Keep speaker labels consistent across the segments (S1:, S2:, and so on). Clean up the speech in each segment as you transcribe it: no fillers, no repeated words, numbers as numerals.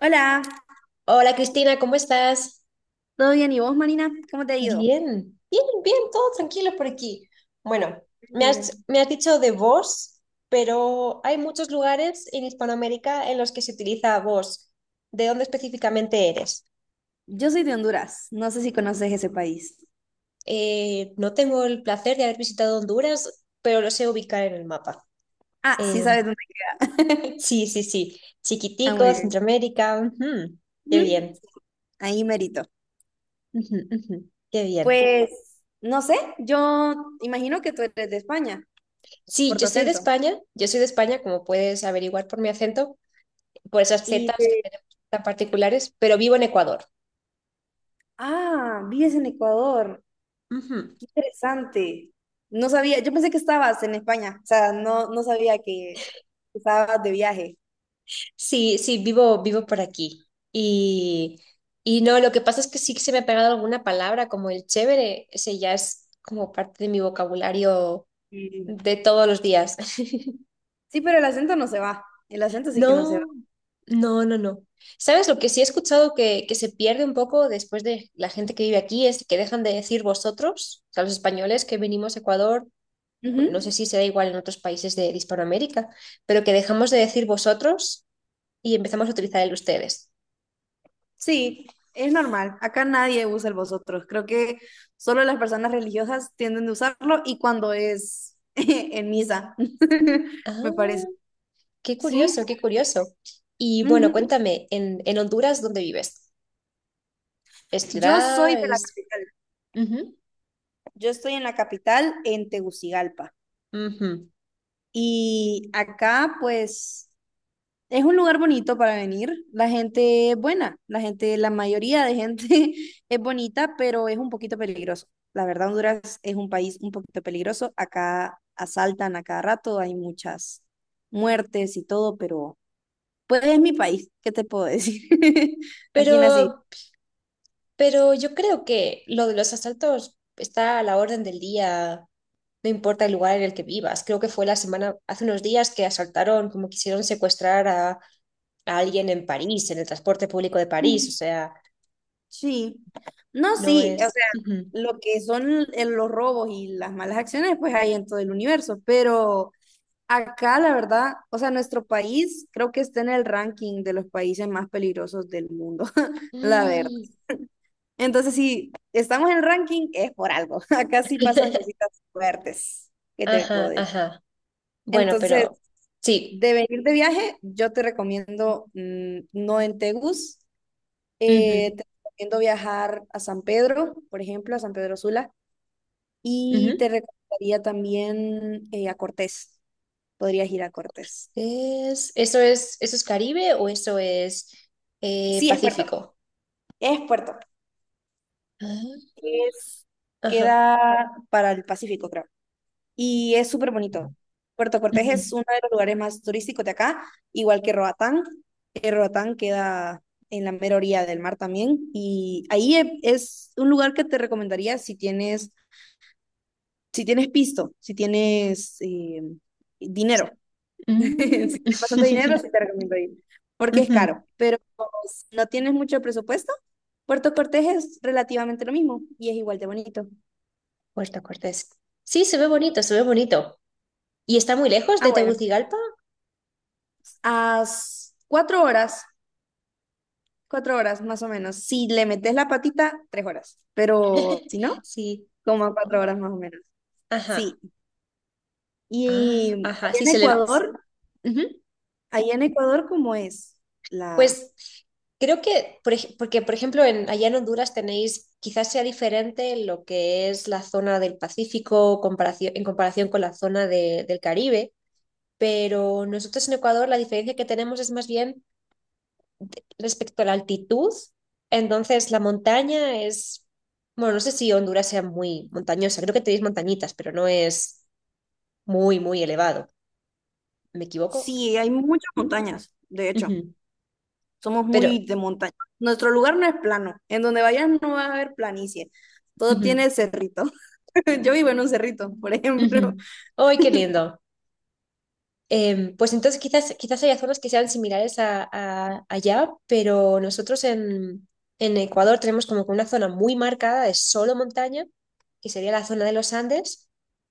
S1: Hola,
S2: Hola Cristina, ¿cómo estás?
S1: ¿todo bien? ¿Y vos, Marina? ¿Cómo te ha ido?
S2: Bien, bien, bien, todo tranquilo por aquí. Bueno,
S1: Me
S2: me
S1: alegra.
S2: has, me has dicho de vos, pero hay muchos lugares en Hispanoamérica en los que se utiliza vos. ¿De dónde específicamente eres?
S1: Yo soy de Honduras, no sé si conoces ese país.
S2: No tengo el placer de haber visitado Honduras, pero lo sé ubicar en el mapa.
S1: Ah, sí
S2: Eh,
S1: sabes dónde.
S2: sí, sí, sí.
S1: Ah, muy
S2: Chiquitico,
S1: bien.
S2: Centroamérica. Ujú. Qué
S1: Ujú,
S2: bien.
S1: ahí merito.
S2: Ujú, ujú. Qué bien.
S1: Pues, no sé, yo imagino que tú eres de España,
S2: Sí,
S1: por tu
S2: yo soy de
S1: acento.
S2: España. Yo soy de España, como puedes averiguar por mi acento. Por esas
S1: Y
S2: zetas que
S1: de...
S2: tenemos tan particulares, pero vivo en Ecuador.
S1: Ah, vives en Ecuador,
S2: Ujú.
S1: qué interesante. No sabía, yo pensé que estabas en España, o sea, no sabía que estabas de viaje.
S2: Sí, sí, vivo por aquí. Y, y no, lo que pasa es que sí que se me ha pegado alguna palabra, como el chévere, ese ya es como parte de mi vocabulario
S1: Sí,
S2: de todos los días.
S1: sí, pero el acento no se va, el acento sí que no se va.
S2: No, no, no, no. ¿Sabes lo que sí he escuchado que se pierde un poco después de la gente que vive aquí es que dejan de decir vosotros, o sea, los españoles que venimos a Ecuador, no sé
S1: Ujú.
S2: si será igual en otros países de Hispanoamérica, pero que dejamos de decir vosotros y empezamos a utilizar el ustedes.
S1: Sí, es normal. Acá nadie usa el vosotros. Creo que solo las personas religiosas tienden a usarlo y cuando es en misa, me
S2: Ah,
S1: parece.
S2: qué curioso,
S1: Sí.
S2: qué curioso. Y bueno,
S1: Ujú.
S2: cuéntame, en Honduras, ¿dónde vives? ¿Es
S1: Yo soy
S2: ciudad?
S1: de la
S2: ¿Es...?
S1: capital.
S2: Ujú,
S1: Yo estoy en la capital, en Tegucigalpa.
S2: ujú.
S1: Y acá, pues, es un lugar bonito para venir. La gente es buena, la gente, la mayoría de gente es bonita, pero es un poquito peligroso. La verdad, Honduras es un país un poquito peligroso. Acá asaltan a cada rato, hay muchas muertes y todo, pero pues es mi país, ¿qué te puedo decir? Aquí nací.
S2: Pero, pero yo creo que lo de los asaltos está a la orden del día, no importa el lugar en el que vivas. Creo que fue la semana, hace unos días que asaltaron, como quisieron secuestrar a alguien en París, en el transporte público de París. O
S1: Ujú.
S2: sea,
S1: Sí. No,
S2: no
S1: sí, o sea,
S2: es. Ujú.
S1: lo que son el- los robos y las malas acciones, pues hay en todo el universo, pero acá, la verdad, o sea, nuestro país creo que está en el ranking de los países más peligrosos del mundo, la verdad.
S2: Mm.
S1: Entonces, si estamos en el ranking, es por algo. Acá sí pasan cositas fuertes que te puedo
S2: Ajá,
S1: decir.
S2: ajá. Bueno,
S1: Entonces,
S2: pero sí.
S1: de venir de viaje, yo te recomiendo no en Tegus,
S2: Ujú,
S1: te recomiendo viajar a San Pedro, por ejemplo, a San Pedro Sula, y te
S2: ujú.
S1: recomendaría también a Cortés. Podrías ir a Cortés.
S2: ¿Eso es Caribe o eso es
S1: Sí, es puerto.
S2: Pacífico?
S1: Es puerto.
S2: Ah,
S1: Es,
S2: ajá.
S1: queda para el Pacífico, creo. Y es súper bonito. Puerto Cortés es
S2: Ujú.
S1: uno de los lugares más turísticos de acá, igual que Roatán. Que Roatán queda en la mera orilla del mar también. Y ahí es un lugar que te recomendaría si tienes, si tienes pisto, si tienes dinero. Si
S2: Mm.
S1: tienes bastante dinero, sí te recomiendo ir, porque es
S2: Ujú.
S1: caro. Pero si no tienes mucho presupuesto, Puerto Cortés es relativamente lo mismo y es igual de bonito.
S2: Puerto Cortés. Sí, se ve bonito, se ve bonito. ¿Y está muy lejos
S1: Ah,
S2: de
S1: bueno.
S2: Tegucigalpa?
S1: a s- cuatro horas, cuatro horas más o menos. Si le metes la patita, tres horas. Pero si no,
S2: Sí.
S1: como a cuatro
S2: Oh,
S1: horas más o menos.
S2: ajá.
S1: Sí.
S2: Ah,
S1: Y
S2: ajá. Sí, se le ve. Ujú.
S1: Allá en Ecuador, ¿cómo es la...
S2: Pues creo que, porque por ejemplo, allá en Honduras tenéis, quizás sea diferente lo que es la zona del Pacífico comparación, en comparación con la zona del Caribe, pero nosotros en Ecuador la diferencia que tenemos es más bien respecto a la altitud. Entonces, la montaña es, bueno, no sé si Honduras sea muy montañosa, creo que tenéis montañitas, pero no es muy, muy elevado. ¿Me equivoco?
S1: Sí, hay muchas montañas, de hecho,
S2: Ujú.
S1: somos
S2: Pero,
S1: muy de montaña. Nuestro lugar no es plano. En donde vayas no vas a ver planicie. Todo
S2: ujú,
S1: tiene cerrito. Yo vivo en un cerrito, por ejemplo.
S2: ujú. ¡Ay, qué lindo! Pues entonces quizás, quizás haya zonas que sean similares allá, pero nosotros en Ecuador tenemos como que una zona muy marcada de solo montaña, que sería la zona de los Andes,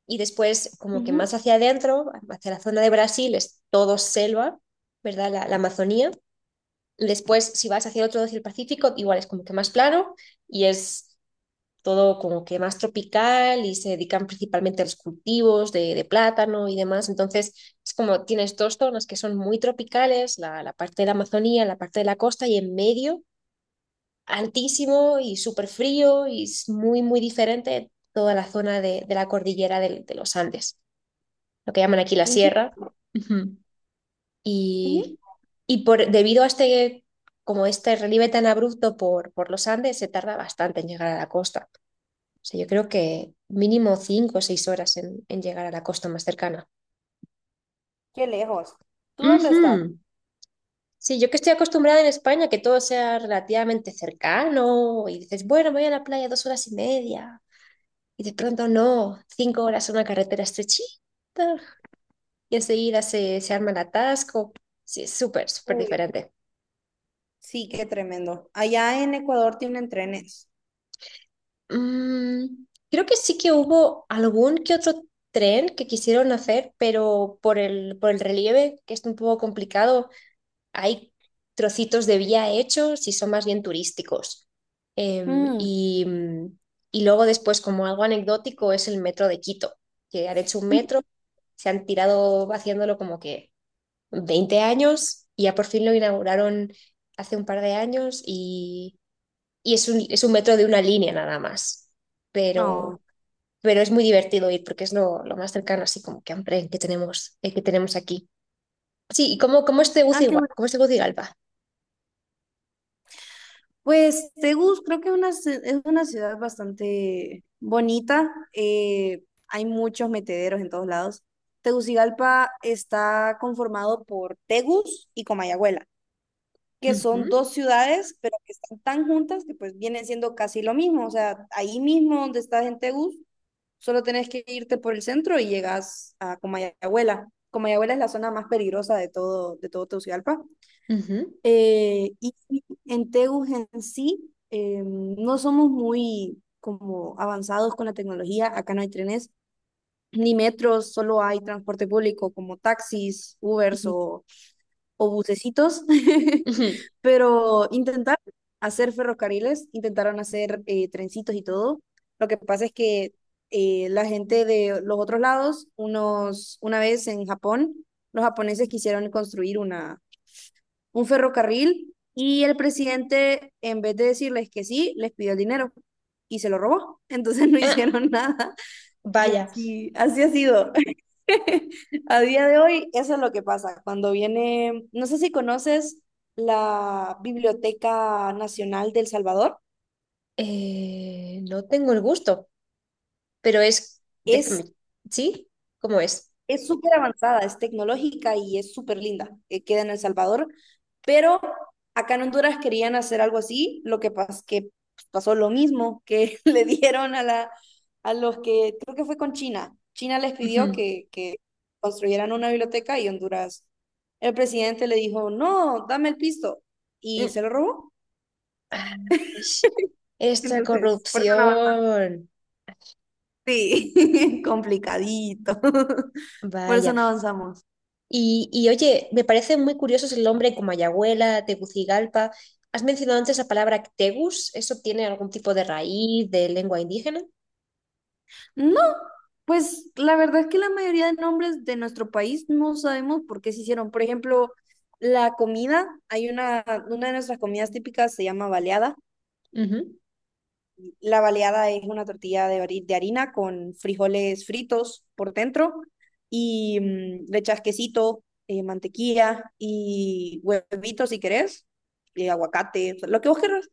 S2: y después como que
S1: Ujú.
S2: más hacia adentro, hacia la zona de Brasil, es todo selva, ¿verdad? La Amazonía. Después, si vas hacia el otro, hacia el Pacífico, igual es como que más plano y es todo como que más tropical y se dedican principalmente a los cultivos de plátano y demás. Entonces, es como tienes dos zonas que son muy tropicales, la parte de la Amazonía, la parte de la costa y en medio, altísimo y súper frío y es muy, muy diferente toda la zona de la cordillera los Andes, lo que llaman aquí la
S1: Qué inter-
S2: sierra. Ujú.
S1: ujú.
S2: Y, y debido a este, como este relieve tan abrupto por los Andes, se tarda bastante en llegar a la costa. O sea, yo creo que mínimo 5 o 6 horas en llegar a la costa más cercana.
S1: Qué lejos. ¿Tú dónde estás?
S2: Ujú. Sí, yo que estoy acostumbrada en España que todo sea relativamente cercano y dices, bueno, me voy a la playa 2 horas y media y de pronto no, 5 horas en una carretera estrechita y enseguida se arma el atasco. Sí, es súper, súper
S1: Uy.
S2: diferente.
S1: Sí, qué tremendo. Allá en Ecuador tienen trenes.
S2: Mm, Creo que sí que hubo algún que otro tren que quisieron hacer, pero por el relieve, que es un poco complicado, hay trocitos de vía hechos y son más bien turísticos. Em,
S1: Mm,
S2: y, mm, y luego después, como algo anecdótico, es el metro de Quito, que han hecho un metro, se han tirado haciéndolo como que 20 años y ya por fin lo inauguraron hace un par de años y es un metro de una línea nada más.
S1: no.
S2: Pero, pero es muy divertido ir porque es lo más cercano así como que hambre que tenemos aquí. Sí, ¿y cómo es
S1: Ah, qué
S2: Tegucigalpa?
S1: bueno.
S2: ¿Cómo es Tegucigalpa?
S1: Pues Tegus creo que es una ciudad bastante bonita. Hay muchos metederos en todos lados. Tegucigalpa está conformado por Tegus y Comayagüela, que son
S2: Ujú.
S1: dos ciudades, pero que están tan juntas que pues vienen siendo casi lo mismo. O sea, ahí mismo donde estás en Tegus, solo tenés que irte por el centro y llegas a Comayagüela. Comayagüela es la zona más peligrosa de todo Tegucigalpa.
S2: Ujú,
S1: Y sí, en Tegus en sí, no somos muy como avanzados con la tecnología. Acá no hay trenes ni metros, solo hay transporte público como taxis, Ubers
S2: ujú,
S1: o bucecitos.
S2: ujú.
S1: Pero intentaron hacer ferrocarriles, intentaron hacer trencitos y todo. Lo que pasa es que la gente de los otros lados, unos, una vez en Japón, los japoneses quisieron construir una, un ferrocarril y el presidente, en vez de decirles que sí, les pidió el dinero y se lo robó. Entonces no
S2: Ah,
S1: hicieron nada. Y
S2: vaya,
S1: así, así ha sido. A día de hoy, eso es lo que pasa. Cuando viene, no sé si conoces la Biblioteca Nacional del Salvador,
S2: no tengo el gusto, pero
S1: es
S2: déjame, ¿sí? ¿Cómo es?
S1: es súper avanzada, es tecnológica y es súper linda. Queda en El Salvador, pero acá en Honduras querían hacer algo así, lo que, pas que pasó lo mismo que le dieron a, la, a los que, creo que fue con China. China les pidió
S2: Ujú.
S1: que construyeran una biblioteca y Honduras, el presidente le dijo, no, dame el pisto. Y
S2: Mm,
S1: se lo robó.
S2: ah, ish. Esta
S1: Entonces, por eso no avanzamos.
S2: corrupción.
S1: Sí, complicadito. Por
S2: Vaya.
S1: eso no avanzamos.
S2: Y, oye, me parecen muy curiosos el nombre como Ayahuela, Tegucigalpa. ¿Has mencionado antes la palabra Tegus? ¿Eso tiene algún tipo de raíz de lengua indígena?
S1: No, pues la verdad es que la mayoría de nombres de nuestro país no sabemos por qué se hicieron. Por ejemplo, la comida, hay una de nuestras comidas típicas se llama baleada.
S2: Ujú.
S1: La baleada es una tortilla de, de harina con frijoles fritos por dentro y le echas quesito, mantequilla y huevitos si querés, y aguacate, o sea, lo que vos querrás.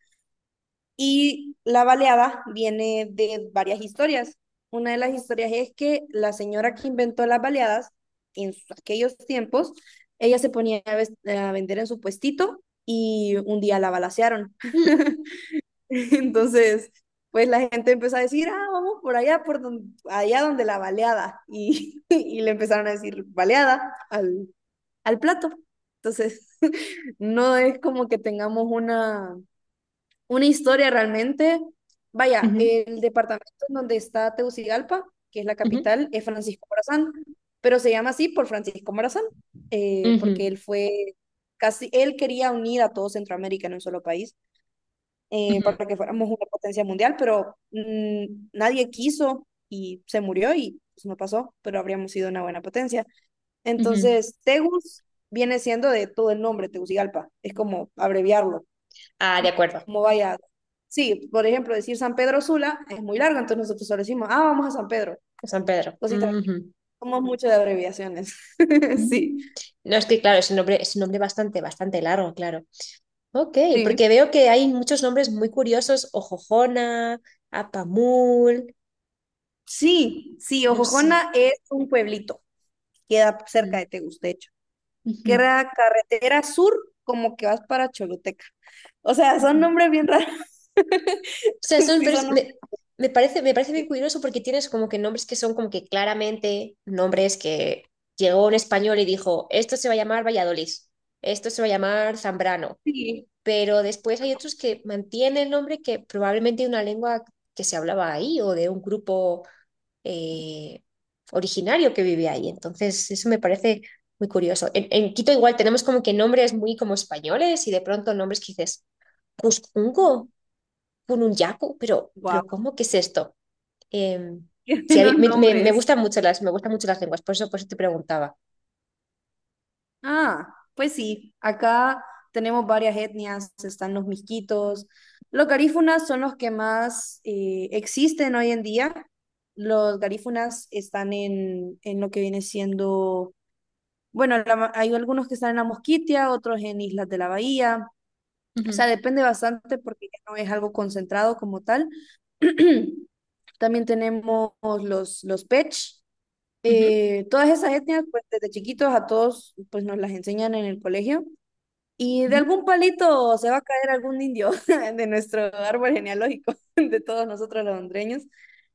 S1: Y la baleada viene de varias historias. Una de las historias es que la señora que inventó las baleadas aquellos tiempos, ella se ponía a, a vender en su puestito y un día la balacearon.
S2: Mm.
S1: Entonces, pues la gente empezó a decir, ah, vamos por allá, por donde, allá donde la baleada. Y, y le empezaron a decir baleada al, al plato. Entonces, no es como que tengamos una historia realmente. Vaya,
S2: Ujú,
S1: el departamento en donde está Tegucigalpa, que es la
S2: ujú,
S1: capital, es Francisco Morazán, pero se llama así por Francisco Morazán, porque
S2: ujú,
S1: él fue casi, él quería unir a todo Centroamérica en un solo país
S2: ujú,
S1: para que fuéramos una potencia mundial, pero nadie quiso y se murió y pues, no pasó, pero habríamos sido una buena potencia.
S2: ujú.
S1: Entonces, Tegus viene siendo de todo el nombre, Tegucigalpa, es como abreviarlo.
S2: Ah, de acuerdo.
S1: Cómo vaya. Sí, por ejemplo, decir San Pedro Sula es muy largo, entonces nosotros solo decimos, ah, vamos a San Pedro.
S2: De San Pedro.
S1: Cosita,
S2: Ujú.
S1: somos mucho de abreviaciones. Sí,
S2: Mm. No, es que claro, es un nombre bastante, bastante largo, claro. Ok,
S1: sí.
S2: porque veo que hay muchos nombres muy curiosos, Ojojona, Apamul,
S1: Sí, sí,
S2: no
S1: Ojojona
S2: sé.
S1: es un pueblito, queda cerca de
S2: Mm.
S1: Tegustecho.
S2: Ujú,
S1: Queda carretera sur, como que vas para Choluteca. O sea, son
S2: ujú.
S1: nombres bien raros.
S2: O sea,
S1: Sí,
S2: pero
S1: son nombres.
S2: me parece bien curioso porque tienes como que nombres que son como que claramente nombres que llegó un español y dijo, esto se va a llamar Valladolid, esto se va a llamar Zambrano,
S1: Sí,
S2: pero después hay otros que mantienen el nombre que probablemente de una lengua que se hablaba ahí o de un grupo eh, originario que vive ahí. Entonces, eso me parece muy curioso. En Quito igual tenemos como que nombres muy como españoles y de pronto nombres que dices, Cuscungo, Pununyaku, pero
S1: wow,
S2: ¿cómo que es esto? Eh,
S1: qué
S2: sí, a
S1: buenos
S2: mí- me- me
S1: nombres.
S2: gustan mucho las, me gustan mucho las lenguas, por eso te preguntaba.
S1: Ah, pues sí, acá tenemos varias etnias, están los miskitos. Los garífunas son los que más existen hoy en día. Los garífunas están en lo que viene siendo, bueno, hay algunos que están en la Mosquitia, otros en Islas de la Bahía, o sea, depende bastante porque ya no es algo concentrado como tal. También tenemos los Pech,
S2: Ujú,
S1: todas esas etnias, pues desde chiquitos a todos, pues nos las enseñan en el colegio y de
S2: ujú,
S1: algún palito se va a caer algún indio de nuestro árbol genealógico, de todos nosotros los hondureños.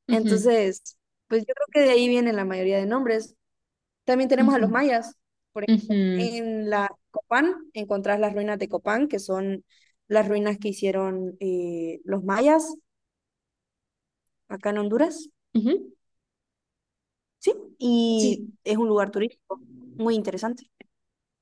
S2: ujú,
S1: Entonces, pues yo creo que de ahí vienen la mayoría de nombres. También tenemos a los
S2: ujú,
S1: mayas. Por ejemplo,
S2: ujú,
S1: en la Copán encontrás las ruinas de Copán, que son las ruinas que hicieron los mayas acá en Honduras.
S2: ujú.
S1: Sí,
S2: Sí.
S1: y es un lugar turístico muy interesante.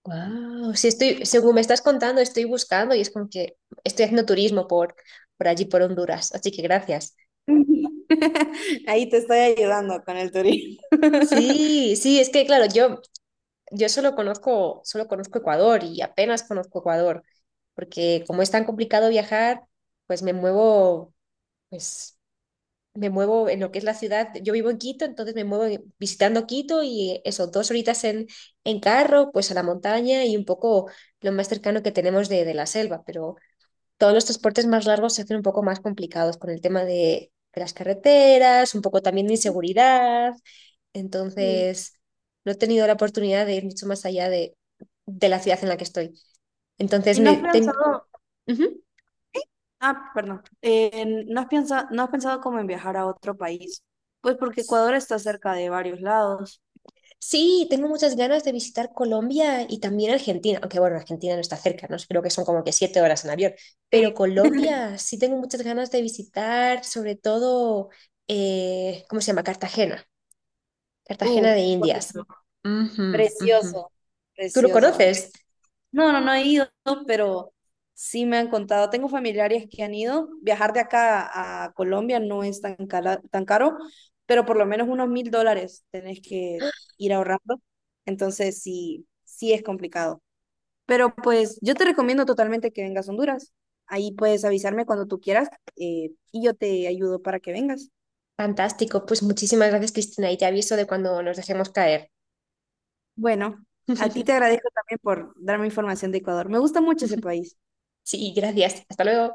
S2: Wow, sí estoy, según me estás contando, estoy buscando y es como que estoy haciendo turismo por allí, por Honduras, así que gracias.
S1: Ahí te estoy ayudando con el turismo.
S2: Sí, sí, es que claro, yo solo conozco Ecuador y apenas conozco Ecuador, porque como es tan complicado viajar, pues me muevo, pues me muevo en lo que es la ciudad. Yo vivo en Quito, entonces me muevo visitando Quito y eso, 2 horitas en carro, pues a la montaña y un poco lo más cercano que tenemos de la selva, pero todos los transportes más largos se hacen un poco más complicados con el tema de las carreteras, un poco también de inseguridad.
S1: Sí.
S2: Entonces, no he tenido la oportunidad de ir mucho más allá de la ciudad en la que estoy. Entonces,
S1: ¿Y no has
S2: me ten-
S1: pensado,
S2: Ujú.
S1: ah, perdón, no has pensado, no has pensado como en viajar a otro país? Pues porque Ecuador está cerca de varios lados.
S2: Sí, tengo muchas ganas de visitar Colombia y también Argentina, aunque bueno, Argentina no está cerca, ¿no? Creo que son como que 7 horas en avión, pero
S1: Sí,
S2: Colombia sí tengo muchas ganas de visitar, sobre todo, ¿cómo se llama? Cartagena, Cartagena
S1: uh,
S2: de Indias.
S1: bonito.
S2: Ujú, ujú.
S1: Precioso,
S2: ¿Tú lo
S1: precioso.
S2: conoces?
S1: No, no, no he ido, pero sí me han contado. Tengo familiares que han ido. Viajar de acá a Colombia no es tan caro, pero por lo menos unos $1,000 tenés que ir ahorrando. Entonces sí, sí es complicado. Pero pues yo te recomiendo totalmente que vengas a Honduras. Ahí puedes avisarme cuando tú quieras y yo te ayudo para que vengas.
S2: Fantástico. Pues muchísimas gracias, Cristina, y te aviso de cuando nos dejemos caer.
S1: Bueno, a ti te agradezco también por darme información de Ecuador. Me gusta mucho ese país.
S2: Sí, gracias. Hasta luego.